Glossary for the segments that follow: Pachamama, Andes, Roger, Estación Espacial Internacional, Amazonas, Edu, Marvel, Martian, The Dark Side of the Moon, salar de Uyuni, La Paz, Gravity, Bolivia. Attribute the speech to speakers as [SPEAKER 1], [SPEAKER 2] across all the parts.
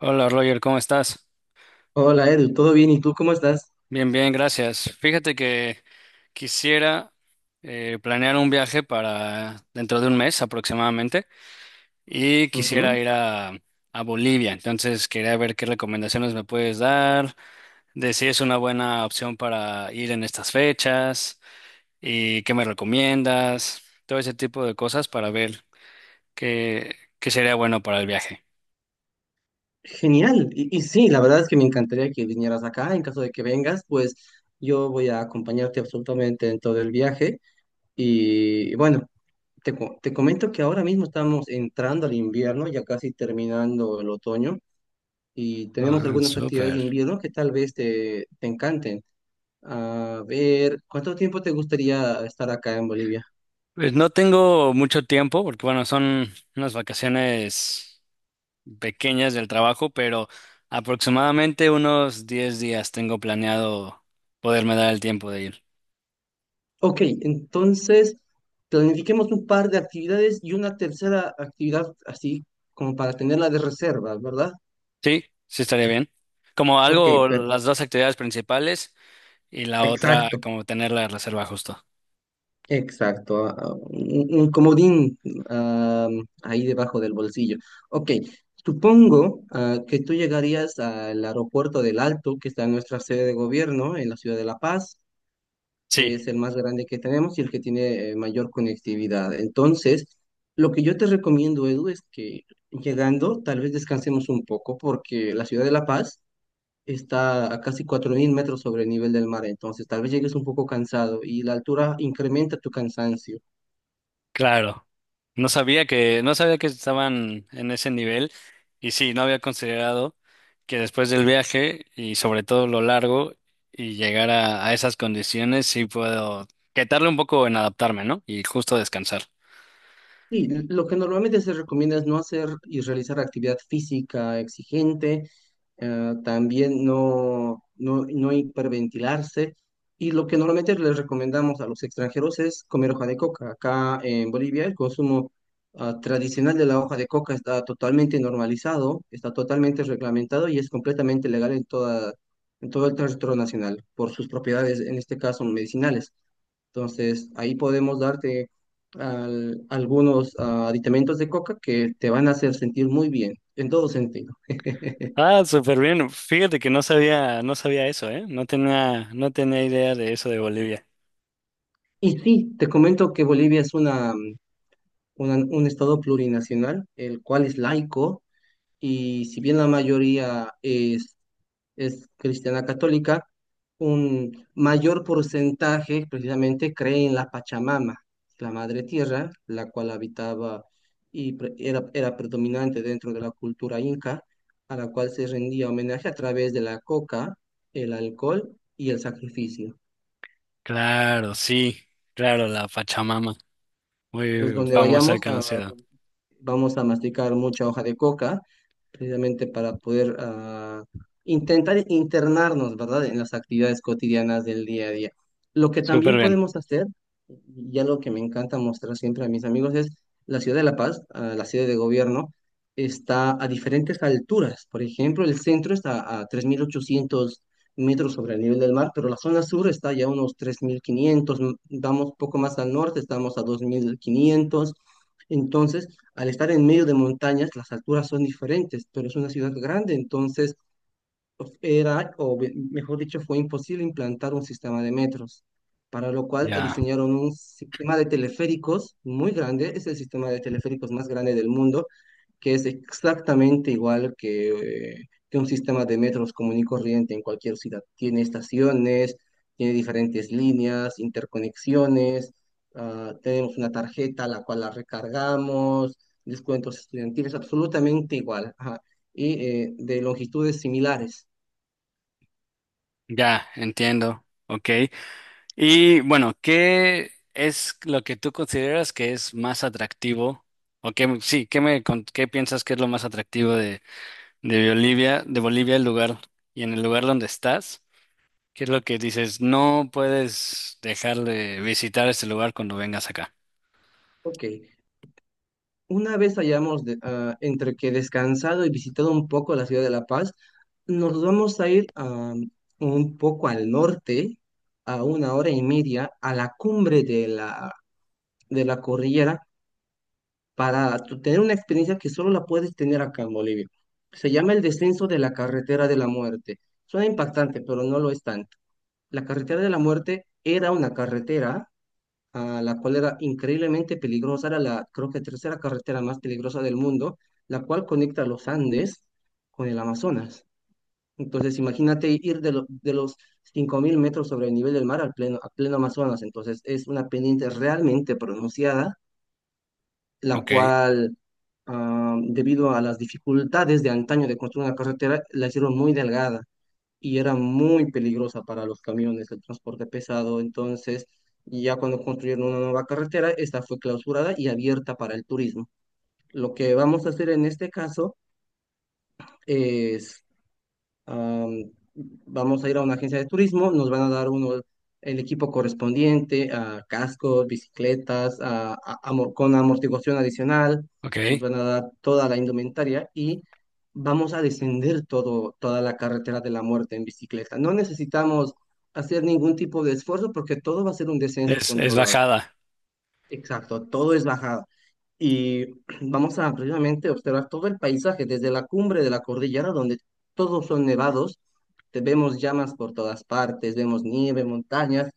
[SPEAKER 1] Hola Roger, ¿cómo estás?
[SPEAKER 2] Hola Edu, ¿todo bien? ¿Y tú cómo estás?
[SPEAKER 1] Bien, bien, gracias. Fíjate que quisiera planear un viaje para dentro de un mes aproximadamente y quisiera
[SPEAKER 2] Ujú.
[SPEAKER 1] a Bolivia. Entonces quería ver qué recomendaciones me puedes dar, de si es una buena opción para ir en estas fechas y qué me recomiendas, todo ese tipo de cosas para ver qué sería bueno para el viaje.
[SPEAKER 2] Genial. Y sí, la verdad es que me encantaría que vinieras acá. En caso de que vengas, pues yo voy a acompañarte absolutamente en todo el viaje. Y bueno, te comento que ahora mismo estamos entrando al invierno, ya casi terminando el otoño, y
[SPEAKER 1] Ah,
[SPEAKER 2] tenemos algunas actividades de
[SPEAKER 1] súper.
[SPEAKER 2] invierno que tal vez te encanten. A ver, ¿cuánto tiempo te gustaría estar acá en Bolivia?
[SPEAKER 1] Pues no tengo mucho tiempo porque, bueno, son unas vacaciones pequeñas del trabajo, pero aproximadamente unos 10 días tengo planeado poderme dar el tiempo de ir.
[SPEAKER 2] Ok, entonces planifiquemos un par de actividades y una tercera actividad así como para tenerla de reserva, ¿verdad?
[SPEAKER 1] Sí, sí estaría bien. Como
[SPEAKER 2] Ok,
[SPEAKER 1] algo, las dos actividades principales y la otra,
[SPEAKER 2] exacto,
[SPEAKER 1] como tener la reserva justo.
[SPEAKER 2] exacto. Un comodín ah, ahí debajo del bolsillo. Ok, supongo que tú llegarías al aeropuerto del Alto, que está en nuestra sede de gobierno en la ciudad de La Paz,
[SPEAKER 1] Sí,
[SPEAKER 2] que es el más grande que tenemos y el que tiene mayor conectividad. Entonces, lo que yo te recomiendo, Edu, es que llegando, tal vez descansemos un poco, porque la ciudad de La Paz está a casi 4.000 metros sobre el nivel del mar, entonces tal vez llegues un poco cansado y la altura incrementa tu cansancio.
[SPEAKER 1] claro. No sabía que estaban en ese nivel y sí, no había considerado que después del viaje y sobre todo lo largo y a esas condiciones sí puedo quitarle un poco en adaptarme, ¿no? Y justo descansar.
[SPEAKER 2] Sí, lo que normalmente se recomienda es no hacer y realizar actividad física exigente, también no hiperventilarse. Y lo que normalmente les recomendamos a los extranjeros es comer hoja de coca. Acá en Bolivia el consumo tradicional de la hoja de coca está totalmente normalizado, está totalmente reglamentado y es completamente legal en todo el territorio nacional por sus propiedades, en este caso medicinales. Entonces, ahí podemos darte algunos aditamentos de coca que te van a hacer sentir muy bien, en todo sentido.
[SPEAKER 1] Ah, súper bien. Fíjate que no sabía eso, ¿eh? No tenía idea de eso de Bolivia.
[SPEAKER 2] Y sí, te comento que Bolivia es un estado plurinacional, el cual es laico, y si bien la mayoría es cristiana católica, un mayor porcentaje precisamente cree en la Pachamama, la madre tierra, la cual habitaba y era predominante dentro de la cultura inca, a la cual se rendía homenaje a través de la coca, el alcohol y el sacrificio.
[SPEAKER 1] Claro, sí, claro, la Pachamama,
[SPEAKER 2] Entonces,
[SPEAKER 1] muy
[SPEAKER 2] donde
[SPEAKER 1] famosa y
[SPEAKER 2] vayamos a
[SPEAKER 1] conocida.
[SPEAKER 2] vamos a masticar mucha hoja de coca, precisamente para poder intentar internarnos, ¿verdad?, en las actividades cotidianas del día a día. Lo que
[SPEAKER 1] Súper
[SPEAKER 2] también
[SPEAKER 1] bien.
[SPEAKER 2] podemos hacer, y algo que me encanta mostrar siempre a mis amigos, es la ciudad de La Paz, la ciudad de gobierno, está a diferentes alturas. Por ejemplo, el centro está a 3.800 metros sobre el nivel del mar, pero la zona sur está ya a unos 3.500, vamos poco más al norte, estamos a 2.500. Entonces, al estar en medio de montañas, las alturas son diferentes, pero es una ciudad grande, entonces pues, mejor dicho, fue imposible implantar un sistema de metros, para lo cual
[SPEAKER 1] Ya,
[SPEAKER 2] diseñaron un sistema de teleféricos muy grande, es el sistema de teleféricos más grande del mundo, que es exactamente igual que un sistema de metros común y corriente en cualquier ciudad. Tiene estaciones, tiene diferentes líneas, interconexiones, tenemos una tarjeta la cual la recargamos, descuentos estudiantiles, absolutamente igual, ajá, y de longitudes similares.
[SPEAKER 1] ya, entiendo. Ok. Y bueno, ¿qué es lo que tú consideras que es más atractivo? O qué, sí, ¿qué piensas que es lo más atractivo de Bolivia, el lugar y en el lugar donde estás? ¿Qué es lo que dices? No puedes dejar de visitar este lugar cuando vengas acá.
[SPEAKER 2] Ok, una vez hayamos entre que descansado y visitado un poco la ciudad de La Paz, nos vamos a ir un poco al norte, a una hora y media, a la cumbre de de la cordillera, para tener una experiencia que solo la puedes tener acá en Bolivia. Se llama el descenso de la carretera de la muerte. Suena impactante, pero no lo es tanto. La carretera de la muerte era una carretera la cual era increíblemente peligrosa, era la, creo que, tercera carretera más peligrosa del mundo, la cual conecta los Andes con el Amazonas. Entonces, imagínate ir de los 5.000 metros sobre el nivel del mar al pleno, a pleno Amazonas. Entonces, es una pendiente realmente pronunciada, la
[SPEAKER 1] Ok,
[SPEAKER 2] cual, debido a las dificultades de antaño de construir una carretera, la hicieron muy delgada y era muy peligrosa para los camiones, el transporte pesado. Entonces, ya cuando construyeron una nueva carretera, esta fue clausurada y abierta para el turismo. Lo que vamos a hacer en este caso es am, vamos a ir a una agencia de turismo, nos van a dar el equipo correspondiente, a cascos, bicicletas, con amortiguación adicional,
[SPEAKER 1] ok.
[SPEAKER 2] nos van a dar toda la indumentaria y vamos a descender toda la carretera de la muerte en bicicleta. No necesitamos hacer ningún tipo de esfuerzo porque todo va a ser un descenso
[SPEAKER 1] Es
[SPEAKER 2] controlado.
[SPEAKER 1] bajada.
[SPEAKER 2] Exacto, todo es bajada. Y vamos a precisamente observar todo el paisaje, desde la cumbre de la cordillera, donde todos son nevados, te vemos llamas por todas partes, vemos nieve, montañas,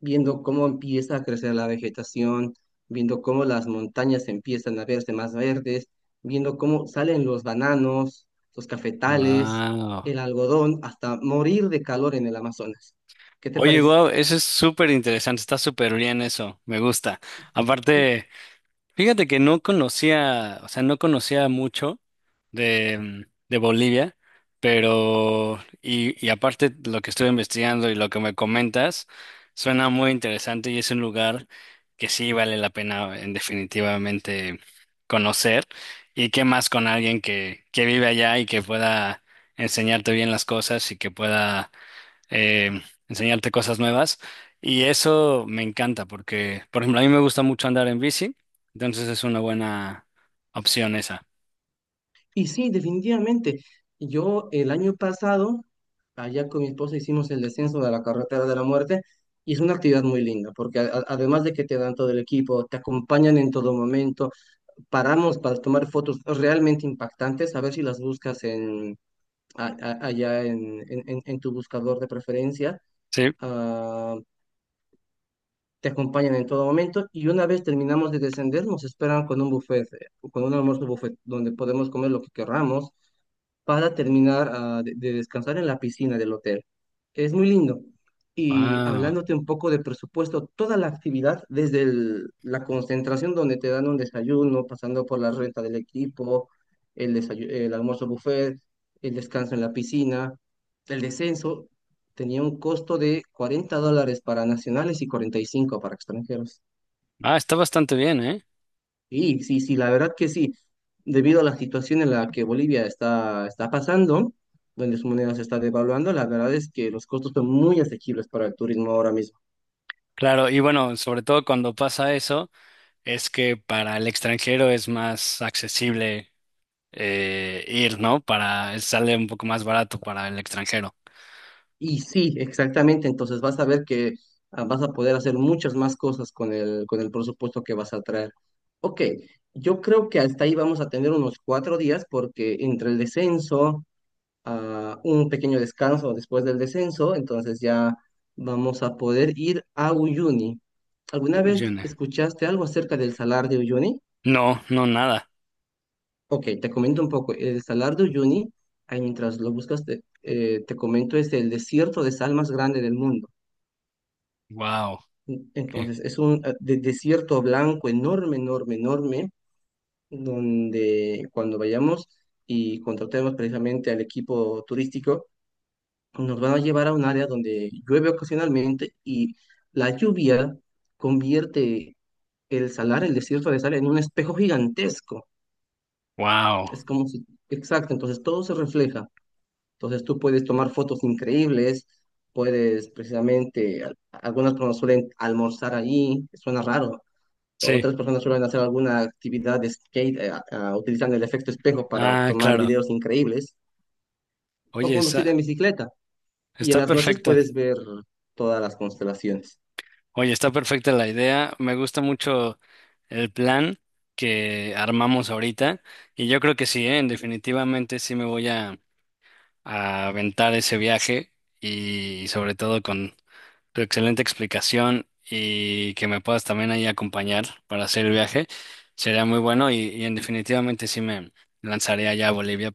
[SPEAKER 2] viendo cómo empieza a crecer la vegetación, viendo cómo las montañas empiezan a verse más verdes, viendo cómo salen los bananos, los cafetales,
[SPEAKER 1] Wow.
[SPEAKER 2] el algodón, hasta morir de calor en el Amazonas. ¿Qué te
[SPEAKER 1] Oye,
[SPEAKER 2] parece?
[SPEAKER 1] wow, eso es súper interesante, está súper bien eso, me gusta. Aparte. Fíjate que o sea, no conocía mucho de, mm, de Bolivia, pero, y aparte lo que estuve investigando y lo que me comentas, suena muy interesante y es un lugar que sí vale la pena en definitivamente conocer. Y qué más con alguien que vive allá y que pueda enseñarte bien las cosas y que pueda eh, enseñarte cosas nuevas. Y eso me encanta porque, por ejemplo, a mí me gusta mucho andar en bici, entonces es una buena opción esa.
[SPEAKER 2] Y sí, definitivamente. Yo el año pasado, allá con mi esposa hicimos el descenso de la carretera de la muerte y es una actividad muy linda porque además de que te dan todo el equipo, te acompañan en todo momento, paramos para tomar fotos realmente impactantes, a ver si las buscas allá en tu buscador de preferencia.
[SPEAKER 1] Sí.
[SPEAKER 2] Ah, te acompañan en todo momento y una vez terminamos de descender nos esperan con un almuerzo buffet donde podemos comer lo que querramos para terminar de descansar en la piscina del hotel. Es muy lindo. Y
[SPEAKER 1] Wow.
[SPEAKER 2] hablándote un poco de presupuesto, toda la actividad, desde la concentración donde te dan un desayuno, pasando por la renta del equipo, el almuerzo buffet, el descanso en la piscina, el descenso, tenía un costo de $40 para nacionales y 45 para extranjeros.
[SPEAKER 1] Ah, está bastante bien, ¿eh?
[SPEAKER 2] Sí, sí, sí, la verdad que sí. Debido a la situación en la que Bolivia está pasando, donde su moneda se está devaluando, la verdad es que los costos son muy asequibles para el turismo ahora mismo.
[SPEAKER 1] Claro, y bueno, sobre todo cuando pasa eso, es que para el extranjero es más accesible ir, ¿no? Para, sale un poco más barato para el extranjero.
[SPEAKER 2] Y sí, exactamente, entonces vas a ver que vas a poder hacer muchas más cosas con el presupuesto que vas a traer. Ok, yo creo que hasta ahí vamos a tener unos 4 días porque entre el descenso, un pequeño descanso después del descenso, entonces ya vamos a poder ir a Uyuni. ¿Alguna
[SPEAKER 1] Uy,
[SPEAKER 2] vez
[SPEAKER 1] yo no,
[SPEAKER 2] escuchaste algo acerca del salar de Uyuni?
[SPEAKER 1] no, no, nada.
[SPEAKER 2] Ok, te comento un poco. El salar de Uyuni, ahí mientras lo buscas, te, te comento, es el desierto de sal más grande del mundo.
[SPEAKER 1] Wow.
[SPEAKER 2] Entonces, es un desierto blanco enorme, enorme, enorme, donde cuando vayamos y contratemos precisamente al equipo turístico, nos van a llevar a un área donde llueve ocasionalmente y la lluvia convierte el salar, el desierto de sal, en un espejo gigantesco.
[SPEAKER 1] Wow.
[SPEAKER 2] Es como si, exacto, entonces todo se refleja. Entonces tú puedes tomar fotos increíbles, puedes precisamente, algunas personas suelen almorzar allí, suena raro.
[SPEAKER 1] Sí.
[SPEAKER 2] Otras personas suelen hacer alguna actividad de skate utilizando el efecto espejo para
[SPEAKER 1] Ah,
[SPEAKER 2] tomar
[SPEAKER 1] claro.
[SPEAKER 2] videos increíbles o
[SPEAKER 1] Oye,
[SPEAKER 2] conducir en
[SPEAKER 1] esa-
[SPEAKER 2] bicicleta. Y en
[SPEAKER 1] Está
[SPEAKER 2] las noches
[SPEAKER 1] perfecto.
[SPEAKER 2] puedes ver todas las constelaciones.
[SPEAKER 1] Oye, está perfecta la idea. Me gusta mucho el plan que armamos ahorita. Y yo creo que sí, ¿eh? Definitivamente sí a aventar ese viaje y sobre todo con tu excelente explicación y que me puedas también ahí acompañar para hacer el viaje. Sería muy bueno y en definitivamente sí me lanzaré allá a Bolivia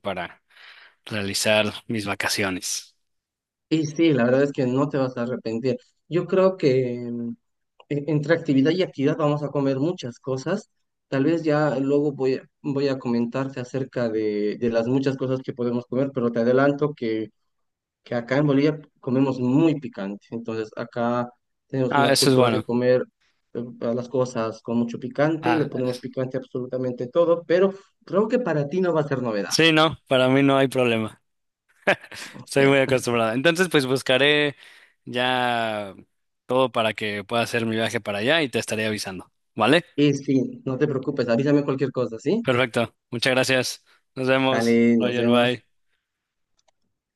[SPEAKER 1] realizar mis vacaciones.
[SPEAKER 2] Y sí, la verdad es que no te vas a arrepentir. Yo creo que entre actividad y actividad vamos a comer muchas cosas. Tal vez ya luego voy a comentarte acerca de las muchas cosas que podemos comer, pero te adelanto que acá en Bolivia comemos muy picante. Entonces acá tenemos
[SPEAKER 1] Ah,
[SPEAKER 2] una
[SPEAKER 1] eso es
[SPEAKER 2] cultura de
[SPEAKER 1] bueno.
[SPEAKER 2] comer eh, las cosas con mucho picante, le
[SPEAKER 1] Ah,
[SPEAKER 2] ponemos picante a absolutamente todo, pero creo que para ti no va a ser novedad.
[SPEAKER 1] sí, no, para mí no hay problema. Estoy muy
[SPEAKER 2] Ya.
[SPEAKER 1] acostumbrada. Entonces, pues buscaré ya todo para que pueda hacer mi viaje para allá y te estaré avisando. ¿Vale?
[SPEAKER 2] Y sí, no te preocupes, avísame cualquier cosa, ¿sí?
[SPEAKER 1] Perfecto. Muchas gracias. Nos vemos.
[SPEAKER 2] Dale, nos
[SPEAKER 1] Roger,
[SPEAKER 2] vemos.
[SPEAKER 1] bye.